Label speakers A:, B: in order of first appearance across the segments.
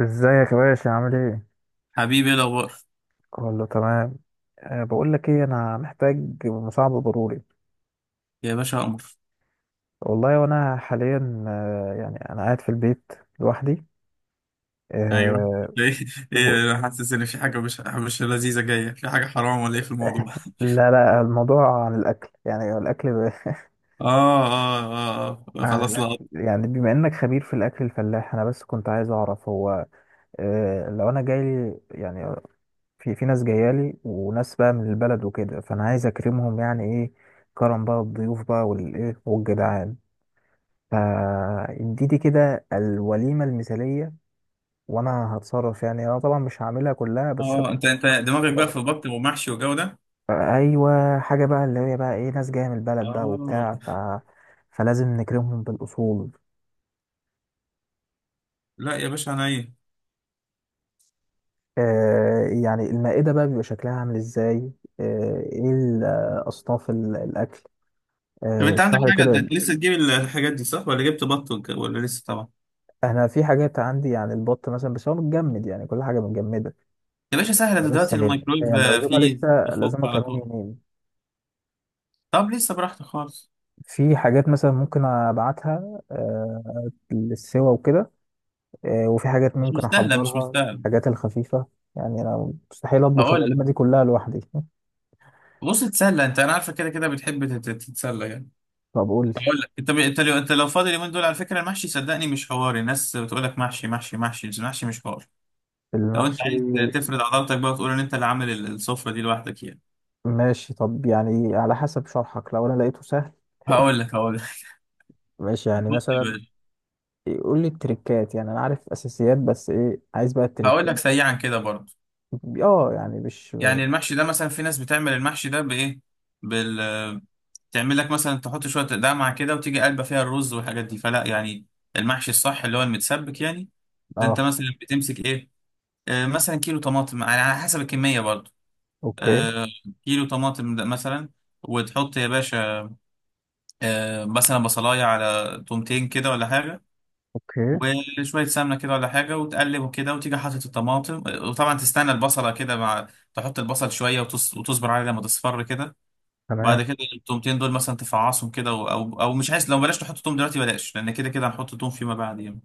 A: ازيك يا باشا؟ عامل ايه؟
B: حبيبي ايه الاخبار؟
A: كله تمام. بقول لك ايه، انا محتاج مساعدة ضروري.
B: يا باشا قمر.
A: والله، وانا حاليا يعني انا قاعد في البيت لوحدي.
B: ايوه،
A: أه
B: ايه
A: و...
B: ايه؟ انا حاسس ان في حاجه مش لذيذه جايه، في حاجه حرام ولا ايه في الموضوع؟
A: لا لا، الموضوع عن الاكل، يعني الاكل
B: اه
A: عن
B: خلاص لا.
A: الاكل. يعني بما انك خبير في الاكل الفلاح، انا بس كنت عايز اعرف هو لو انا جايلي يعني في ناس جايالي وناس بقى من البلد وكده، فانا عايز اكرمهم، يعني ايه كرم بقى الضيوف بقى والايه والجدعان؟ فاديتي كده الوليمة المثالية. وانا هتصرف، يعني انا طبعا مش هعملها كلها، بس انا
B: اه، انت دماغك بقى
A: هتصرف.
B: في بط ومحشي وجو ده.
A: ايوه حاجة بقى اللي هي بقى ايه، ناس جاية من البلد بقى
B: اه
A: وبتاع فلازم نكرمهم بالاصول.
B: لا يا باشا، انا ايه؟
A: يعني المائدة بقى بيبقى شكلها عامل ازاي؟ آه ايه ال- آه، اصناف الاكل.
B: طب انت عندك
A: اشرح لي
B: حاجه،
A: كده.
B: انت لسه تجيب الحاجات دي صح ولا جبت بط ولا لسه؟ طبعا
A: انا في حاجات عندي عن البط مثلا، بس هو متجمد، يعني كل حاجة متجمدة.
B: يا باشا سهله، ده
A: أنا لسه
B: دلوقتي
A: هي
B: الميكرويف
A: هي العزومة
B: فيه،
A: لسه،
B: بيفك
A: العزومة
B: على
A: كمان
B: طول.
A: يومين.
B: طب لسه براحتك خالص.
A: في حاجات مثلا ممكن ابعتها للسوا وكده، وفي حاجات
B: مش
A: ممكن
B: مستاهله مش
A: احضرها،
B: مستاهله
A: الحاجات الخفيفه. يعني انا مستحيل اطبخ
B: هقول لك،
A: الوليمه دي كلها لوحدي.
B: بص اتسلى انت، انا عارفه كده كده بتحب تتسلى يعني.
A: طب قول لي.
B: اقول لك، انت لو فاضي اليومين دول، على فكره المحشي صدقني مش حوار، الناس بتقول لك محشي محشي محشي بس المحشي مش حوار. لو انت
A: المحشي.
B: عايز تفرد عضلاتك بقى وتقول ان انت اللي عامل السفره دي لوحدك يعني.
A: ماشي، طب يعني على حسب شرحك، لو انا لقيته سهل.
B: هقول لك.
A: ماشي،
B: بص
A: يعني
B: يا
A: مثلا
B: باشا،
A: قول لي التريكات، يعني انا عارف اساسيات، بس ايه عايز بقى
B: هقول
A: التريكات.
B: لك سريعا كده برضه.
A: اه، يعني مش.
B: يعني المحشي ده مثلا، في ناس بتعمل المحشي ده بايه؟ بال، تعمل لك مثلا تحط شويه دمعه كده وتيجي قلبه فيها الرز والحاجات دي، فلا يعني. المحشي الصح اللي هو المتسبك يعني. ده انت
A: اه.
B: مثلا بتمسك ايه؟ مثلا كيلو طماطم على على حسب الكميه برضه.
A: اوكي.
B: آه، كيلو طماطم ده مثلا، وتحط يا باشا مثلا بصلاية على تومتين كده ولا حاجة،
A: اوكي.
B: وشوية سمنة كده ولا حاجة، وتقلب كده وتيجي حاطط الطماطم. وطبعا تستنى البصلة كده، مع، تحط البصل شوية وتصبر عليه لما تصفر كده.
A: تمام.
B: بعد كده التومتين دول مثلا تفعصهم كده أو مش عايز، لو بلاش تحط توم دلوقتي بلاش، لأن كده كده هنحط توم فيما بعد يعني.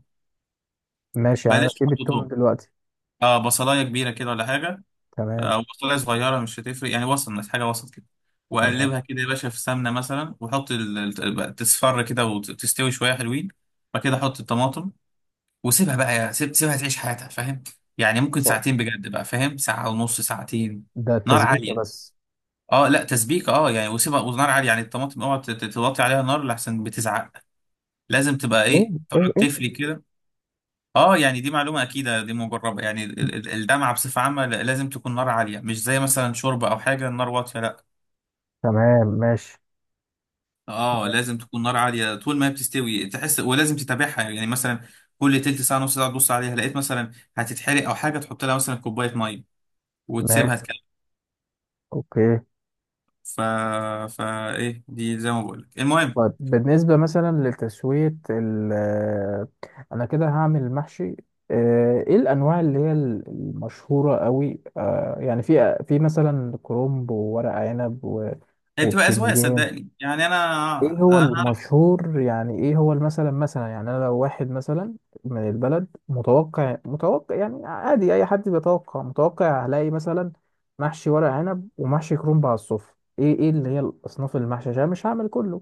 A: ماشي، يعني انا
B: بلاش
A: اسيب
B: تحط
A: التوم
B: توم.
A: دلوقتي.
B: اه بصلاية كبيرة كده ولا حاجة،
A: تمام.
B: او بصلايه صغيره مش هتفرق يعني، وسط، بس حاجه وسط كده.
A: تمام.
B: واقلبها كده يا باشا في سمنه مثلا، وحط تصفر كده وتستوي شويه حلوين. بعد كده حط الطماطم وسيبها بقى، يا سيبها تعيش حياتها، فاهم؟ يعني ممكن
A: طيب.
B: ساعتين بجد بقى، فاهم؟ ساعه ونص، ساعتين.
A: ده
B: نار
A: التسبيكه
B: عاليه.
A: بس؟
B: اه لا تسبيك، اه يعني وسيبها ونار عاليه يعني، الطماطم اوعى توطي عليها نار لحسن بتزعق. لازم تبقى
A: ايه.
B: ايه،
A: ايه
B: تقعد
A: ايه.
B: تفلي كده. اه يعني دي معلومة أكيدة، دي مجربة يعني. الدمعة بصفة عامة لازم تكون نار عالية، مش زي مثلا شوربة أو حاجة النار واطية، لا.
A: تمام. ماشي.
B: اه لازم تكون نار عالية طول ما هي بتستوي تحس، ولازم تتابعها يعني. مثلا كل تلت ساعة نص ساعة تبص عليها، لقيت مثلا هتتحرق أو حاجة، تحط لها مثلا كوباية مية وتسيبها
A: ماشي.
B: تكمل.
A: اوكي.
B: ف... فا إيه دي، زي ما بقول لك المهم.
A: طيب بالنسبة مثلا لتسوية ال آه، انا كده هعمل محشي. ايه الانواع اللي هي ال- المشهورة قوي؟ يعني في مثلا كرنب وورق عنب
B: هي بتبقى أذواق
A: وبتنجان.
B: صدقني يعني.
A: ايه
B: أنا
A: هو
B: أنا
A: المشهور، يعني ايه هو مثلا؟ مثلا يعني انا لو واحد مثلا من البلد متوقع، متوقع يعني عادي اي حد بيتوقع، متوقع هلاقي مثلا محشي ورق عنب ومحشي كرنب على الصفر. ايه ايه اللي هي الاصناف المحشي، عشان مش هعمل كله؟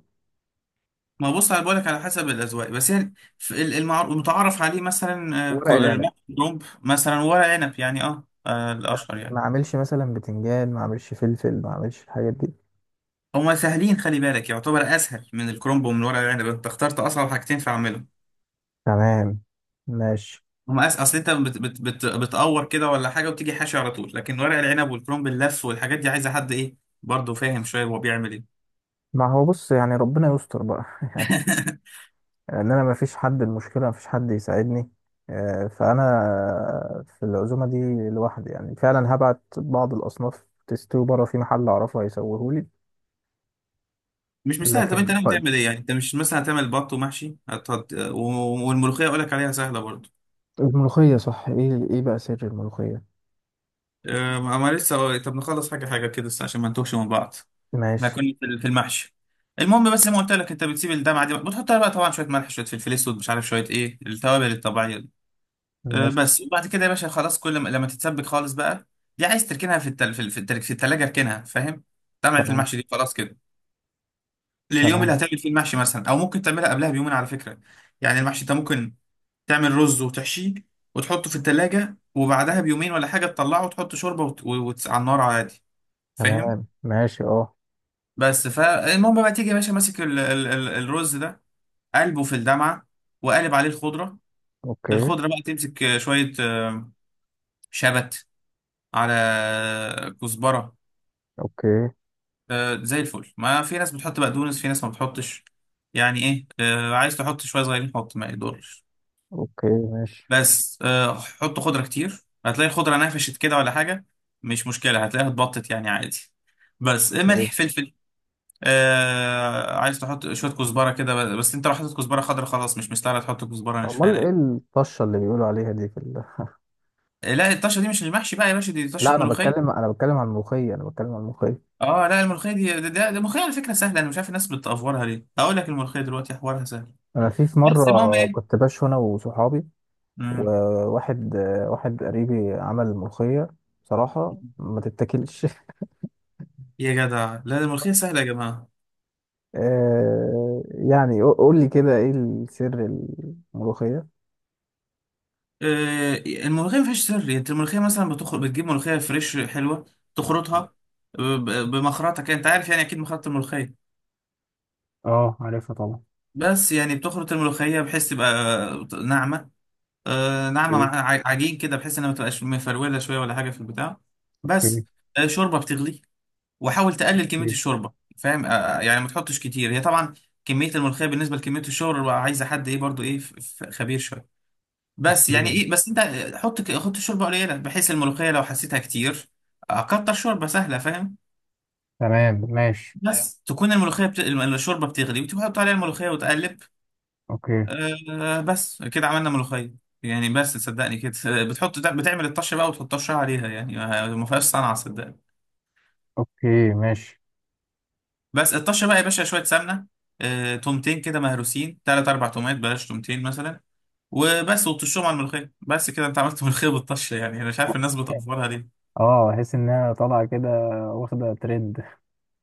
B: ما بص انا بقولك على حسب الاذواق، بس يعني في المتعارف عليه مثلا
A: ورق العنب.
B: كرنب مثلا، ورق عنب، يعني اه، الاشهر
A: ما
B: يعني.
A: اعملش مثلا بتنجان، ما اعملش فلفل، ما اعملش الحاجات دي.
B: هما سهلين، خلي بالك، يعتبر اسهل من الكرنب ومن ورق العنب، انت اخترت اصعب حاجتين، فاعملهم.
A: تمام. ماشي.
B: هما اصل انت بتقور كده ولا حاجه وتيجي حاشي على طول، لكن ورق العنب والكرنب اللف والحاجات دي عايزه حد ايه، برضه فاهم شويه هو بيعمل ايه.
A: ما هو بص، يعني ربنا يستر بقى ان انا مفيش حد، المشكله مفيش حد يساعدني، فانا في العزومه دي لوحدي، يعني فعلا هبعت بعض الاصناف تستوي بره في محل اعرفه هيسويهولي.
B: مش سهل. طب انت
A: لكن
B: ناوي
A: طيب
B: تعمل ايه يعني؟ انت مش مثلا هتعمل بط ومحشي والملوخيه اقول لك عليها سهله برضه.
A: الملوخيه، صح، ايه ايه بقى سر الملوخيه؟
B: ما لسه، طب نخلص حاجة حاجة كده بس عشان ما نتوهش من بعض. احنا
A: ماشي.
B: كنا في المحشي. المهم، بس زي ما قلت لك، انت بتسيب الدمعة دي بتحط لها بقى طبعا شوية ملح، شوية فلفل اسود، مش عارف شوية ايه التوابل الطبيعية دي.
A: ماشي.
B: بس. وبعد كده يا باشا خلاص، كل ما، لما تتسبك خالص بقى، دي عايز تركنها في التلاجة، اركنها فاهم. دمعة
A: تمام.
B: المحشي دي خلاص كده لليوم اللي
A: تمام.
B: هتعمل فيه المحشي مثلا، او ممكن تعملها قبلها بيومين على فكرة. يعني المحشي انت ممكن تعمل رز وتحشيه وتحطه في التلاجة، وبعدها بيومين ولا حاجة تطلعه وتحط شوربة على النار عادي، فاهم.
A: تمام. ماشي. اه.
B: بس فالمهم بقى، تيجي يا باشا ماسك ال ال ال الرز ده، قلبه في الدمعه وقالب عليه الخضره.
A: اوكي.
B: الخضره بقى تمسك شويه شبت، على كزبره،
A: اوكي.
B: زي الفل. ما في ناس بتحط بقدونس، في ناس ما بتحطش، يعني ايه، عايز تحط شويه صغيرين حط ما يضرش،
A: اوكي. ماشي.
B: بس حط خضره كتير هتلاقي الخضره نفشت كده ولا حاجه، مش مشكله هتلاقيها اتبطت يعني، عادي. بس ملح
A: إيه.
B: فلفل. آه عايز تحط شويه كزبره كده، بس انت لو حطيت كزبره خضراء خلاص مش مستاهله تحط كزبره ناشفه
A: امال ايه
B: يعني.
A: الطشه اللي بيقولوا عليها دي في
B: لا الطشه دي مش المحشي بقى يا باشا، دي طشه
A: لا انا بتكلم،
B: ملوخيه.
A: انا بتكلم عن الملوخيه، انا بتكلم عن الملوخيه.
B: اه لا الملوخيه دي، ده الملوخيه على فكره سهله، انا مش عارف الناس بتأفورها ليه. هقول لك الملوخيه دلوقتي حوارها سهل،
A: انا في في
B: بس المهم
A: مره كنت
B: ايه.
A: باش انا وصحابي
B: مم.
A: وواحد آه، واحد قريبي عمل ملوخية، بصراحة ما تتاكلش
B: يا جدع لا، ده الملوخيه سهله يا جماعه.
A: يعني قول لي كده ايه السر؟ الملوخية.
B: آه الملوخيه ما فيهاش سر يعني، انت الملوخيه مثلا بتخرج بتجيب ملوخيه فريش حلوه، تخرطها بمخرطه كده، انت عارف يعني اكيد مخرطه الملوخيه.
A: اه عارفها طبعا.
B: بس يعني بتخرط الملوخيه بحيث تبقى ناعمه، آه ناعمة
A: اوكي.
B: مع عجين كده، بحيث انها ما تبقاش مفرولة شوية ولا حاجة في البتاع،
A: اوكي.
B: بس. آه شوربة بتغلي، وحاول تقلل كمية
A: اوكي.
B: الشوربة، فاهم. يعني ما تحطش كتير، هي طبعا كمية الملوخية بالنسبة لكمية الشوربة عايزة حد ايه برضو، ايه خبير شوية. بس يعني
A: اوكي.
B: ايه، بس انت حط حط الشوربة قليلة، بحيث الملوخية لو حسيتها كتير كتر شوربة سهلة، فاهم.
A: تمام. ماشي.
B: بس تكون الملوخية الشوربة بتغلي وتحط عليها الملوخية وتقلب.
A: اوكي.
B: آه بس كده عملنا ملوخية. يعني بس صدقني كده، بتحط بتعمل الطشة بقى وتحط طشة عليها، يعني ما فيهاش صنعة صدقني.
A: اوكي. ماشي.
B: بس الطشة بقى يا باشا شوية سمنة، آه تومتين كده مهروسين، تلات أربع تومات، بلاش، تومتين مثلا، وبس وتطشهم على الملوخية بس كده. أنت عملت ملوخية بالطشة، يعني أنا مش عارف الناس بتأفورها ليه.
A: اه احس انها طالعه كده، واخده ترند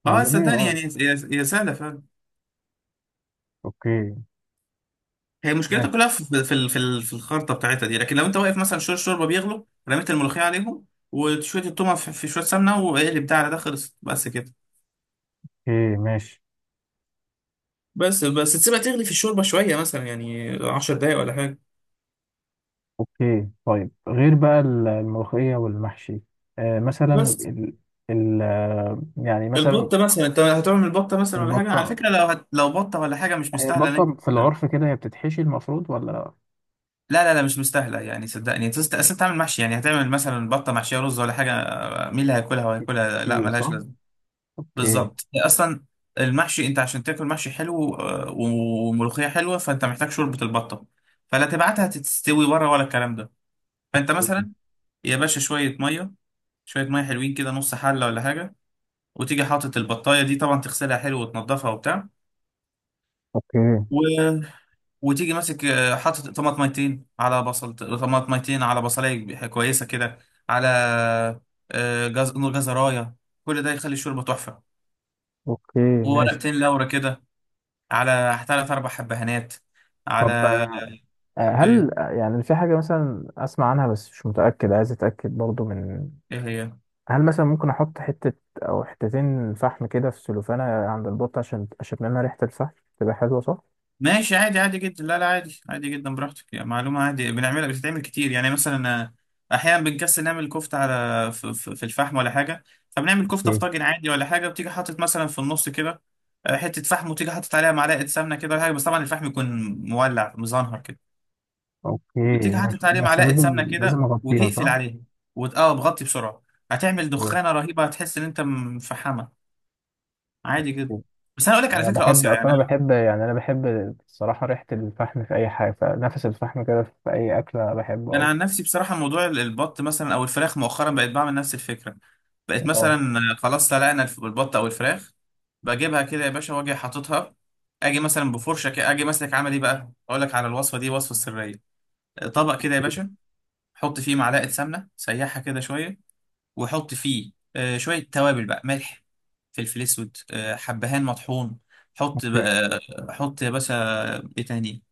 A: من
B: أه
A: زمان
B: صدقني
A: قوي.
B: يعني، هي سهلة فعلا.
A: اوكي.
B: هي مشكلتها
A: ماشي.
B: كلها في الخلطة بتاعتها دي، لكن لو أنت واقف مثلا شوية الشوربة بيغلوا، رميت الملوخية عليهم وشوية التومة في شوية سمنة، واقلب ده على ده، خلصت بس كده.
A: اوكي. ماشي.
B: بس تسيبها تغلي في الشوربه شويه، مثلا يعني 10 دقايق ولا حاجه،
A: اوكي. طيب غير بقى الملوخية والمحشي؟ آه مثلا
B: بس.
A: ال... ال... آه، يعني مثلا
B: البطه مثلا انت هتعمل بطه مثلا ولا حاجه، على
A: البطة.
B: فكره لو لو بطه ولا حاجه، مش
A: هي
B: مستاهله ان انت،
A: البطة في العرف كده هي بتتحشي المفروض ولا؟
B: لا مش مستاهله يعني صدقني، اصل انت عامل محشي يعني، هتعمل مثلا بطه محشيه رز ولا حاجه، مين اللي هياكلها وهياكلها، لا
A: بتتحشي،
B: ملهاش
A: صح؟
B: لازمه.
A: اوكي.
B: بالظبط. اصلا المحشي انت عشان تاكل محشي حلو وملوخيه حلوه، فانت محتاج شوربه البطه، فلا تبعتها تستوي بره ولا الكلام ده. فانت مثلا يا باشا، شويه ميه، شويه ميه حلوين كده، نص حله ولا حاجه، وتيجي حاطط البطايه دي طبعا، تغسلها حلو وتنضفها وبتاع،
A: اوكي.
B: و... وتيجي ماسك حاطط طماطميتين على بصل، طماطميتين على بصلايه كويسه كده، على جزرايه، كل ده يخلي الشوربه تحفه،
A: اوكي. ماشي.
B: وورقتين لورا كده، على ثلاث اربع حبهانات، على،
A: طب
B: ايه،
A: هل يعني في حاجة مثلا أسمع عنها بس مش متأكد عايز أتأكد برضو من،
B: ايه هي.
A: هل مثلا ممكن أحط حتة أو حتتين فحم كده في سلوفانة عند البط، عشان أشم منها ريحة الفحم، تبقى حلوة، صح؟
B: ماشي عادي، عادي جدا، لا لا عادي عادي جدا، براحتك يعني، معلومة عادي بنعملها، بتتعمل كتير يعني. مثلا أحيانا بنكسل نعمل كفتة على في الفحم ولا حاجة، فبنعمل كفتة في طاجن عادي ولا حاجة، بتيجي حاطط مثلا في النص كده حتة فحم، وتيجي حاطط عليها معلقة سمنة كده ولا حاجة، بس طبعا الفحم يكون مولع مزنهر كده،
A: اوكي.
B: وتيجي حاطط
A: ماشي.
B: عليه
A: بس
B: معلقة سمنة
A: لازم
B: كده
A: لازم اغطيها،
B: وتقفل
A: صح؟
B: عليه. اه بغطي بسرعة، هتعمل
A: أوكي.
B: دخانة رهيبة، هتحس إن أنت مفحمة. عادي جدا، بس أنا أقول لك على
A: انا
B: فكرة
A: بحب
B: قاسية يعني.
A: اصلا، انا بحب، يعني انا بحب الصراحه ريحه الفحم في اي حاجه، فنفس الفحم كده في اي اكله بحبه
B: انا
A: أوي.
B: عن نفسي بصراحه موضوع البط مثلا او الفراخ، مؤخرا بقيت بعمل نفس الفكره. بقيت مثلا
A: اه.
B: خلاص سلقنا البط او الفراخ، بجيبها كده يا باشا واجي حاططها، اجي مثلا بفرشه كده، اجي ماسك عامل ايه بقى، اقول لك على الوصفه دي، وصفه سريه. طبق كده يا باشا، حط فيه معلقه سمنه سيحها كده شويه، وحط فيه شويه توابل بقى، ملح فلفل اسود حبهان مطحون، حط
A: اوكي.
B: بقى، حط يا باشا، ايه تاني،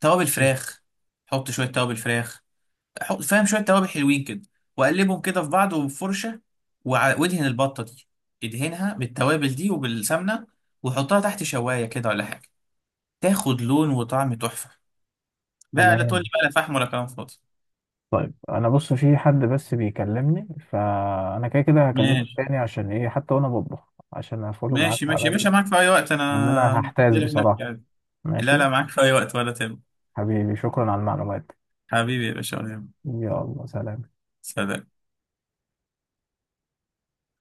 B: توابل فراخ، حط شويه توابل فراخ. فاهم، شويه توابل حلوين كده، واقلبهم كده في بعض، وبفرشه، وادهن البطه دي، ادهنها بالتوابل دي وبالسمنه، وحطها تحت شوايه كده ولا حاجه، تاخد لون وطعم تحفه بقى، لا تقول لي
A: تمام.
B: بقى لا فحم ولا كلام فاضي.
A: طيب انا بص في حد بس بيكلمني، فانا كده كده هكلمك
B: ماشي.
A: تاني عشان ايه حتى وانا بطبخ، عشان افولو معاك
B: ماشي
A: على
B: يا باشا، معاك في اي وقت،
A: لان انا
B: انا
A: هحتاس
B: لك نفسي
A: بصراحه.
B: عادي. لا
A: ماشي.
B: لا معاك في اي وقت ولا تهم.
A: حبيبي شكرا على المعلومات
B: حبيبي يا باشا ولا يهمك.
A: دي. يلا سلام.
B: سلام.